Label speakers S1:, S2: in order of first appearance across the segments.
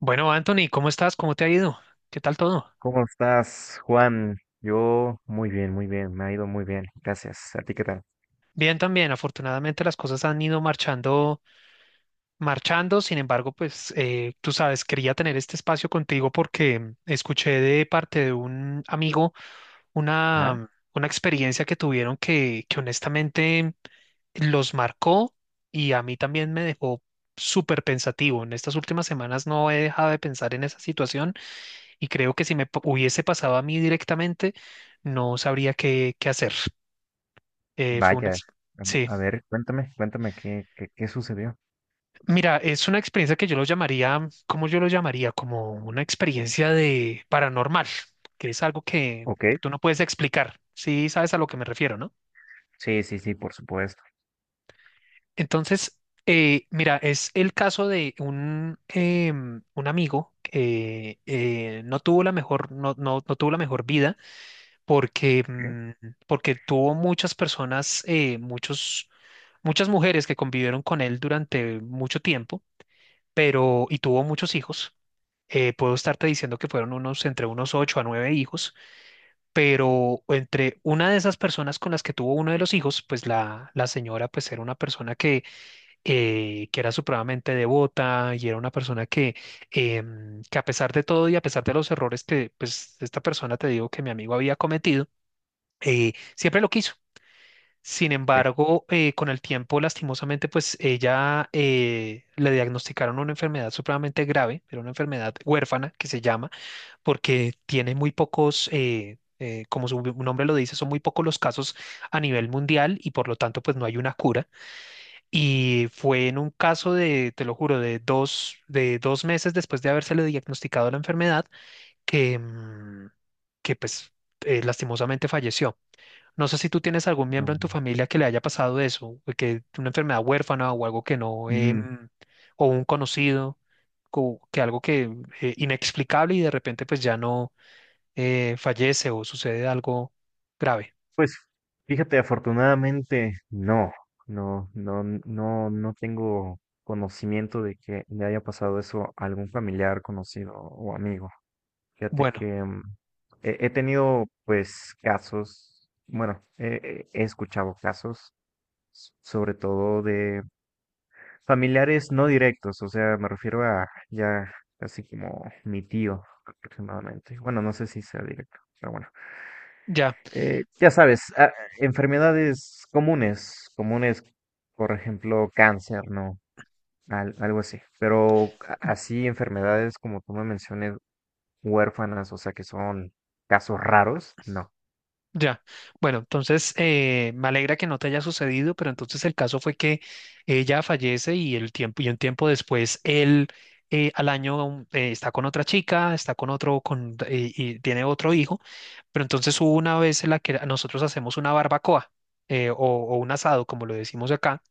S1: Bueno, Anthony, ¿cómo estás? ¿Cómo te ha ido? ¿Qué tal todo?
S2: ¿Cómo estás, Juan? Yo muy bien, me ha ido muy bien, gracias. ¿A ti qué tal?
S1: Bien también, afortunadamente las cosas han ido marchando, marchando. Sin embargo, pues tú sabes, quería tener este espacio contigo porque escuché de parte de un amigo
S2: Ah,
S1: una experiencia que tuvieron que honestamente los marcó y a mí también me dejó súper pensativo. En estas últimas semanas no he dejado de pensar en esa situación y creo que si hubiese pasado a mí directamente, no sabría qué hacer. Eh, fue una
S2: vaya.
S1: ex- Sí,
S2: A ver, cuéntame, cuéntame qué sucedió.
S1: mira, es una experiencia que yo lo llamaría, ¿cómo yo lo llamaría? Como una experiencia de paranormal, que es algo
S2: Ok,
S1: que tú no puedes explicar. Sí, sabes a lo que me refiero, ¿no?
S2: sí, sí, sí, por supuesto.
S1: Entonces, mira, es el caso de un amigo que no tuvo la mejor, no tuvo la mejor vida porque,
S2: ¿Qué?
S1: porque tuvo muchas personas, muchas mujeres que convivieron con él durante mucho tiempo pero, y tuvo muchos hijos. Puedo estarte diciendo que fueron unos entre unos ocho a nueve hijos, pero entre una de esas personas con las que tuvo uno de los hijos, pues la señora pues era una persona que era supremamente devota y era una persona que, que a pesar de todo y a pesar de los errores que pues esta persona te digo que mi amigo había cometido, siempre lo quiso. Sin
S2: ¿Qué?
S1: embargo, con el tiempo, lastimosamente, pues ella le diagnosticaron una enfermedad supremamente grave, era una enfermedad huérfana que se llama, porque tiene muy pocos, como su nombre lo dice, son muy pocos los casos a nivel mundial y por lo tanto, pues no hay una cura. Y fue en un caso de, te lo juro, de de dos meses después de habérsele diagnosticado la enfermedad que, que pues lastimosamente falleció. No sé si tú tienes algún miembro
S2: No.
S1: en tu familia que le haya pasado eso, o que una enfermedad huérfana o algo que no,
S2: Mm,
S1: o un conocido, que algo que inexplicable y de repente pues ya no fallece o sucede algo grave.
S2: pues, fíjate, afortunadamente, no, tengo conocimiento de que le haya pasado eso a algún familiar, conocido o amigo. Fíjate
S1: Bueno,
S2: que he tenido pues casos, bueno, he escuchado casos, sobre todo de familiares no directos, o sea, me refiero a ya casi como mi tío aproximadamente. Bueno, no sé si sea directo, pero bueno.
S1: ya,
S2: Ya sabes, enfermedades comunes, por ejemplo, cáncer, ¿no? Algo así. Pero así enfermedades como tú me mencionas huérfanas, o sea que son casos raros, no,
S1: ya. Bueno, entonces me alegra que no te haya sucedido, pero entonces el caso fue que ella fallece y el tiempo y un tiempo después él al año está con otra chica, está con otro, y tiene otro hijo. Pero entonces hubo una vez en la que nosotros hacemos una barbacoa o un asado, como lo decimos acá,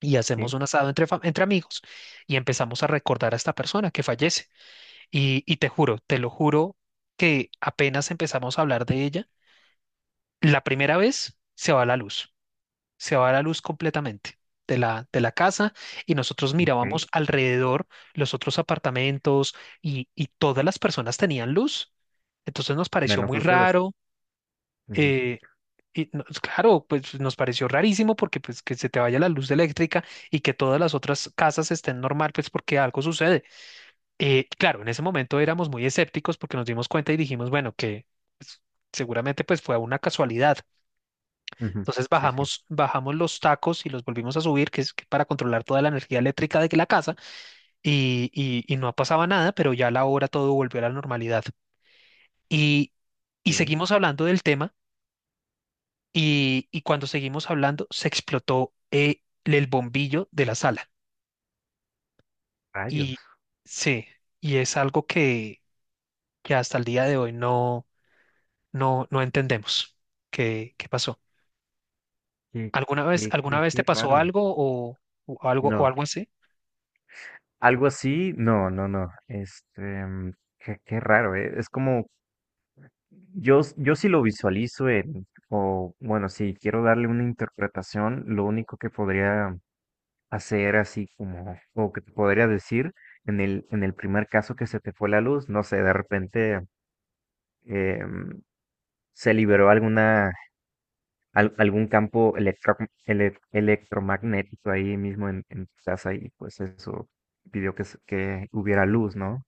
S1: y hacemos
S2: sí,
S1: un asado entre, entre amigos y empezamos a recordar a esta persona que fallece. Y te juro, te lo juro, que apenas empezamos a hablar de ella, la primera vez se va la luz, se va la luz completamente. De de la casa y nosotros mirábamos
S2: ok,
S1: alrededor los otros apartamentos y todas las personas tenían luz. Entonces nos pareció
S2: menos
S1: muy
S2: ustedes.
S1: raro,
S2: Ujú,
S1: eh, pues, claro, pues nos pareció rarísimo porque pues que se te vaya la luz eléctrica y que todas las otras casas estén normal, pues porque algo sucede. Claro, en ese momento éramos muy escépticos porque nos dimos cuenta y dijimos, bueno, que pues, seguramente pues fue una casualidad.
S2: ujú,
S1: Entonces
S2: sí, sí,
S1: bajamos, bajamos los tacos y los volvimos a subir, que es que para controlar toda la energía eléctrica de que la casa y no pasaba nada, pero ya a la hora todo volvió a la normalidad. Y, y
S2: sí,
S1: seguimos hablando del tema. Y cuando seguimos hablando, se explotó el bombillo de la sala.
S2: rayos,
S1: Y sí, y es algo que hasta el día de hoy no entendemos qué, qué pasó.
S2: qué, qué,
S1: Alguna
S2: qué,
S1: vez te
S2: qué
S1: pasó
S2: raro.
S1: algo o
S2: No,
S1: algo así?
S2: algo así, no, no, no, qué, qué raro, es como, yo sí lo visualizo en, o bueno, si quiero darle una interpretación, lo único que podría hacer así como, o que te podría decir en el primer caso que se te fue la luz, no sé, de repente eh, se liberó alguna, algún campo electromagnético ahí mismo en tu casa y pues eso pidió que, que hubiera luz, ¿no?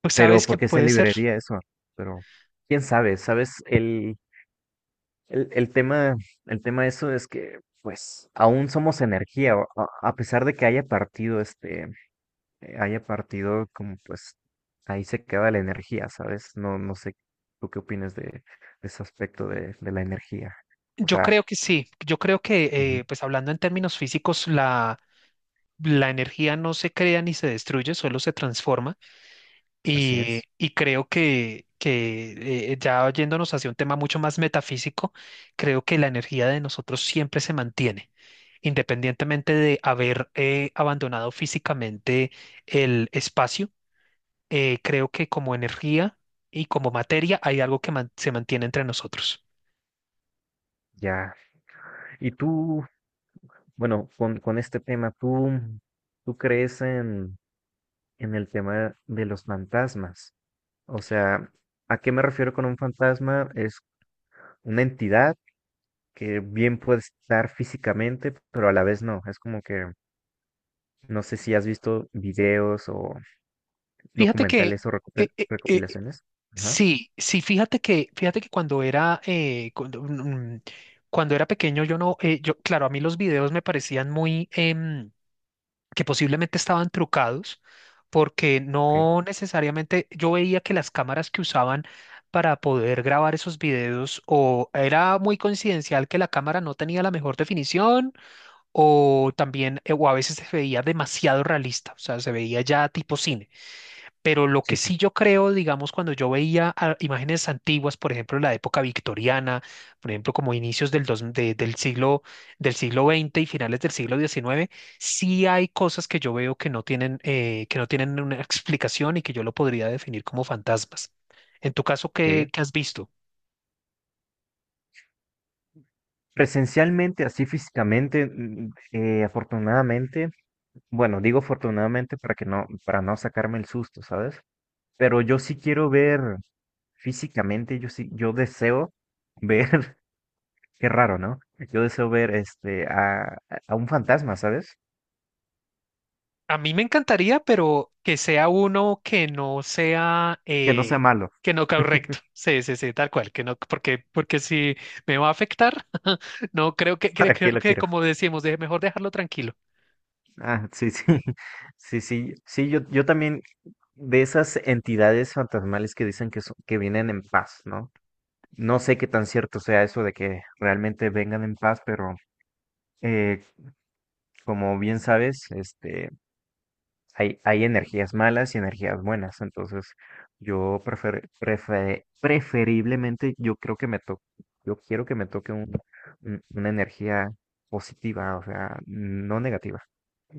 S1: Pues
S2: Pero
S1: sabes que
S2: ¿por qué se
S1: puede ser.
S2: liberaría eso? Pero quién sabe, ¿sabes? El tema, el tema de eso es que pues aún somos energía, a pesar de que haya partido haya partido, como pues ahí se queda la energía, ¿sabes? No, no sé, ¿tú qué opinas de ese aspecto de la energía? O
S1: Yo creo
S2: sea,
S1: que sí. Yo creo que,
S2: ujú,
S1: pues hablando en términos físicos, la energía no se crea ni se destruye, solo se transforma.
S2: así es,
S1: Y creo que ya yéndonos hacia un tema mucho más metafísico, creo que la energía de nosotros siempre se mantiene, independientemente de haber abandonado físicamente el espacio. Creo que como energía y como materia hay algo que se mantiene entre nosotros.
S2: ya. Y tú, bueno, con este tema, ¿tú, tú crees en el tema de los fantasmas? O sea, ¿a qué me refiero con un fantasma? Es una entidad que bien puede estar físicamente, pero a la vez no. Es como que, no sé si has visto videos o,
S1: Fíjate que
S2: documentales o
S1: eh, eh, eh,
S2: recopilaciones. Ajá,
S1: sí, sí, fíjate que cuando era cuando era pequeño yo no, yo claro, a mí los videos me parecían muy que posiblemente estaban trucados, porque
S2: ok,
S1: no necesariamente yo veía que las cámaras que usaban para poder grabar esos videos o era muy coincidencial que la cámara no tenía la mejor definición o también o a veces se veía demasiado realista, o sea, se veía ya tipo cine. Pero lo que
S2: sí, sí,
S1: sí yo creo, digamos, cuando yo veía ah, imágenes antiguas, por ejemplo, la época victoriana, por ejemplo, como inicios del siglo XX y finales del siglo XIX, sí hay cosas que yo veo que no tienen una explicación y que yo lo podría definir como fantasmas. En tu caso, ¿qué,
S2: ok.
S1: qué has visto?
S2: Presencialmente, así físicamente, afortunadamente, bueno, digo afortunadamente para que no, para no sacarme el susto, ¿sabes? Pero yo sí quiero ver físicamente, yo sí, yo deseo ver, qué raro, ¿no? Yo deseo ver a un fantasma, ¿sabes?
S1: A mí me encantaría, pero que sea uno que no sea,
S2: Que no sea malo,
S1: que no caiga recto. Sí, sí, sí, tal cual, que no, porque, porque si me va a afectar, no creo que, creo,
S2: ¿para
S1: creo
S2: qué lo
S1: que
S2: quiero?
S1: como decimos, mejor dejarlo tranquilo.
S2: Ah, sí, sí, sí, sí, sí, yo también de esas entidades fantasmales que dicen que, que vienen en paz, ¿no? No sé qué tan cierto sea eso de que realmente vengan en paz, pero eh, como bien sabes, este, hay energías malas y energías buenas, entonces yo preferiblemente yo creo que me toque, yo quiero que me toque una energía positiva, o sea, no negativa.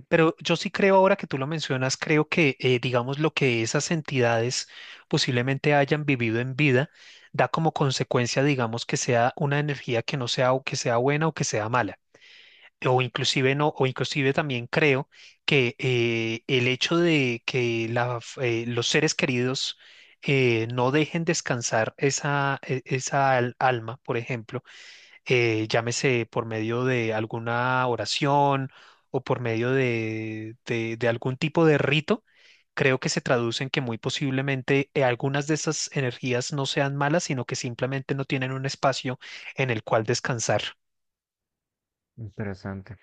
S1: Pero yo sí creo ahora que tú lo mencionas, creo que, digamos, lo que esas entidades posiblemente hayan vivido en vida da como consecuencia, digamos, que sea una energía que no sea o que sea buena o que sea mala. O inclusive no, o inclusive también creo que el hecho de que los seres queridos no dejen descansar esa alma, por ejemplo, llámese por medio de alguna oración o por medio de, de algún tipo de rito, creo que se traduce en que muy posiblemente algunas de esas energías no sean malas, sino que simplemente no tienen un espacio en el cual descansar.
S2: Interesante.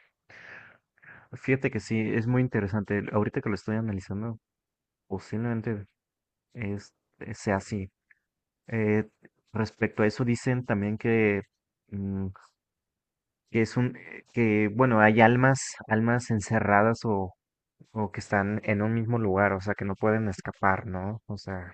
S2: Fíjate que sí, es muy interesante. Ahorita que lo estoy analizando, posiblemente es, sea así. Eh, Respecto a eso, dicen también que, mm, que es que bueno, hay almas, almas encerradas o que están en un mismo lugar, o sea, que no pueden escapar, ¿no? O sea,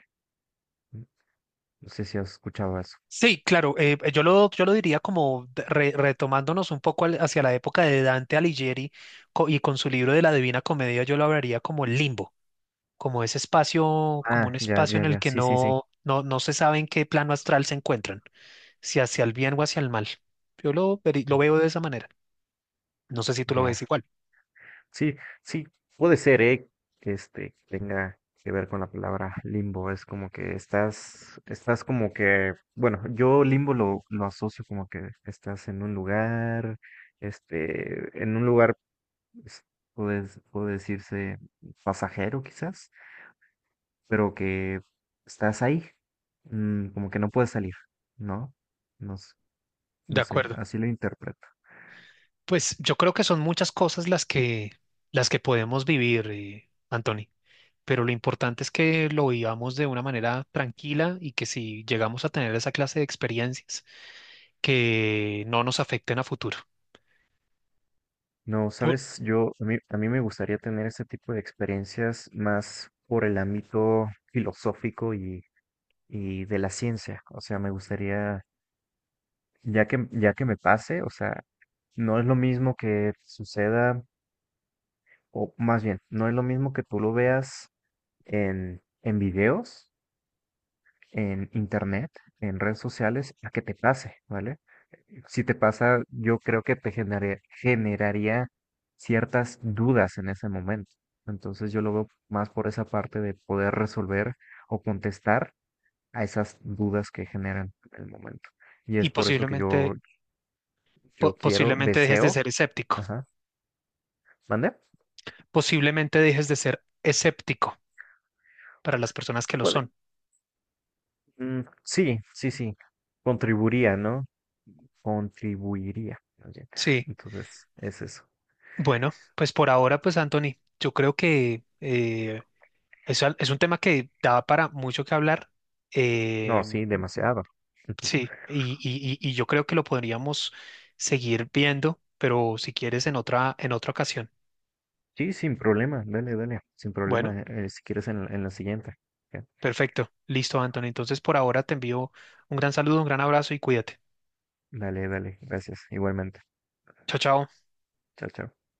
S2: no sé si has escuchado eso.
S1: Sí, claro, yo lo diría como retomándonos un poco hacia la época de Dante Alighieri y con su libro de la Divina Comedia, yo lo hablaría como el limbo, como ese espacio, como
S2: Ah,
S1: un
S2: ya,
S1: espacio
S2: ya,
S1: en el
S2: ya,
S1: que
S2: sí, sí, sí,
S1: no se sabe en qué plano astral se encuentran, si hacia el bien o hacia el mal. Lo veo de esa manera. No sé si tú lo
S2: ya.
S1: ves igual.
S2: Sí, sí, puede ser, ¿eh? Que este, que tenga que ver con la palabra limbo. Es como que estás, estás como que, bueno, yo limbo lo asocio como que estás en un lugar, este, en un lugar, pues, puede, puede decirse pasajero quizás, pero que estás ahí, como que no puedes salir, ¿no? No,
S1: De
S2: no sé,
S1: acuerdo.
S2: así lo interpreto.
S1: Pues yo creo que son muchas cosas las que podemos vivir, Anthony. Pero lo importante es que lo vivamos de una manera tranquila y que si llegamos a tener esa clase de experiencias, que no nos afecten a futuro.
S2: No,
S1: Po-
S2: sabes, a mí me gustaría tener ese tipo de experiencias más por el ámbito filosófico y de la ciencia. O sea, me gustaría, ya que me pase, o sea, no es lo mismo que suceda, o más bien, no es lo mismo que tú lo veas en videos en internet, en redes sociales, a que te pase, ¿vale? Si te pasa, yo creo que te generaría ciertas dudas en ese momento. Entonces yo lo veo más por esa parte de poder resolver o contestar a esas dudas que generan en el momento. Y
S1: y
S2: es por eso que yo,
S1: posiblemente,
S2: yo quiero,
S1: posiblemente dejes de
S2: deseo,
S1: ser escéptico.
S2: ajá, ¿mande?
S1: Posiblemente dejes de ser escéptico para las personas que lo
S2: Puede-
S1: son.
S2: sí, sí, sí, contribuiría, ¿no? Contribuiría más bien.
S1: Sí.
S2: Entonces, es eso.
S1: Bueno, pues por ahora, pues Anthony, yo creo que es, es un tema que da para mucho que hablar.
S2: No,
S1: eh,
S2: sí, demasiado.
S1: Sí, y yo creo que lo podríamos seguir viendo, pero si quieres en otra ocasión.
S2: Sí, sin problema, dale, dale, sin
S1: Bueno,
S2: problema, si quieres en, en la siguiente. Ya,
S1: perfecto. Listo, Anthony. Entonces por ahora te envío un gran saludo, un gran abrazo y cuídate.
S2: dale, dale, gracias, igualmente.
S1: Chao, chao.
S2: Chao, chao.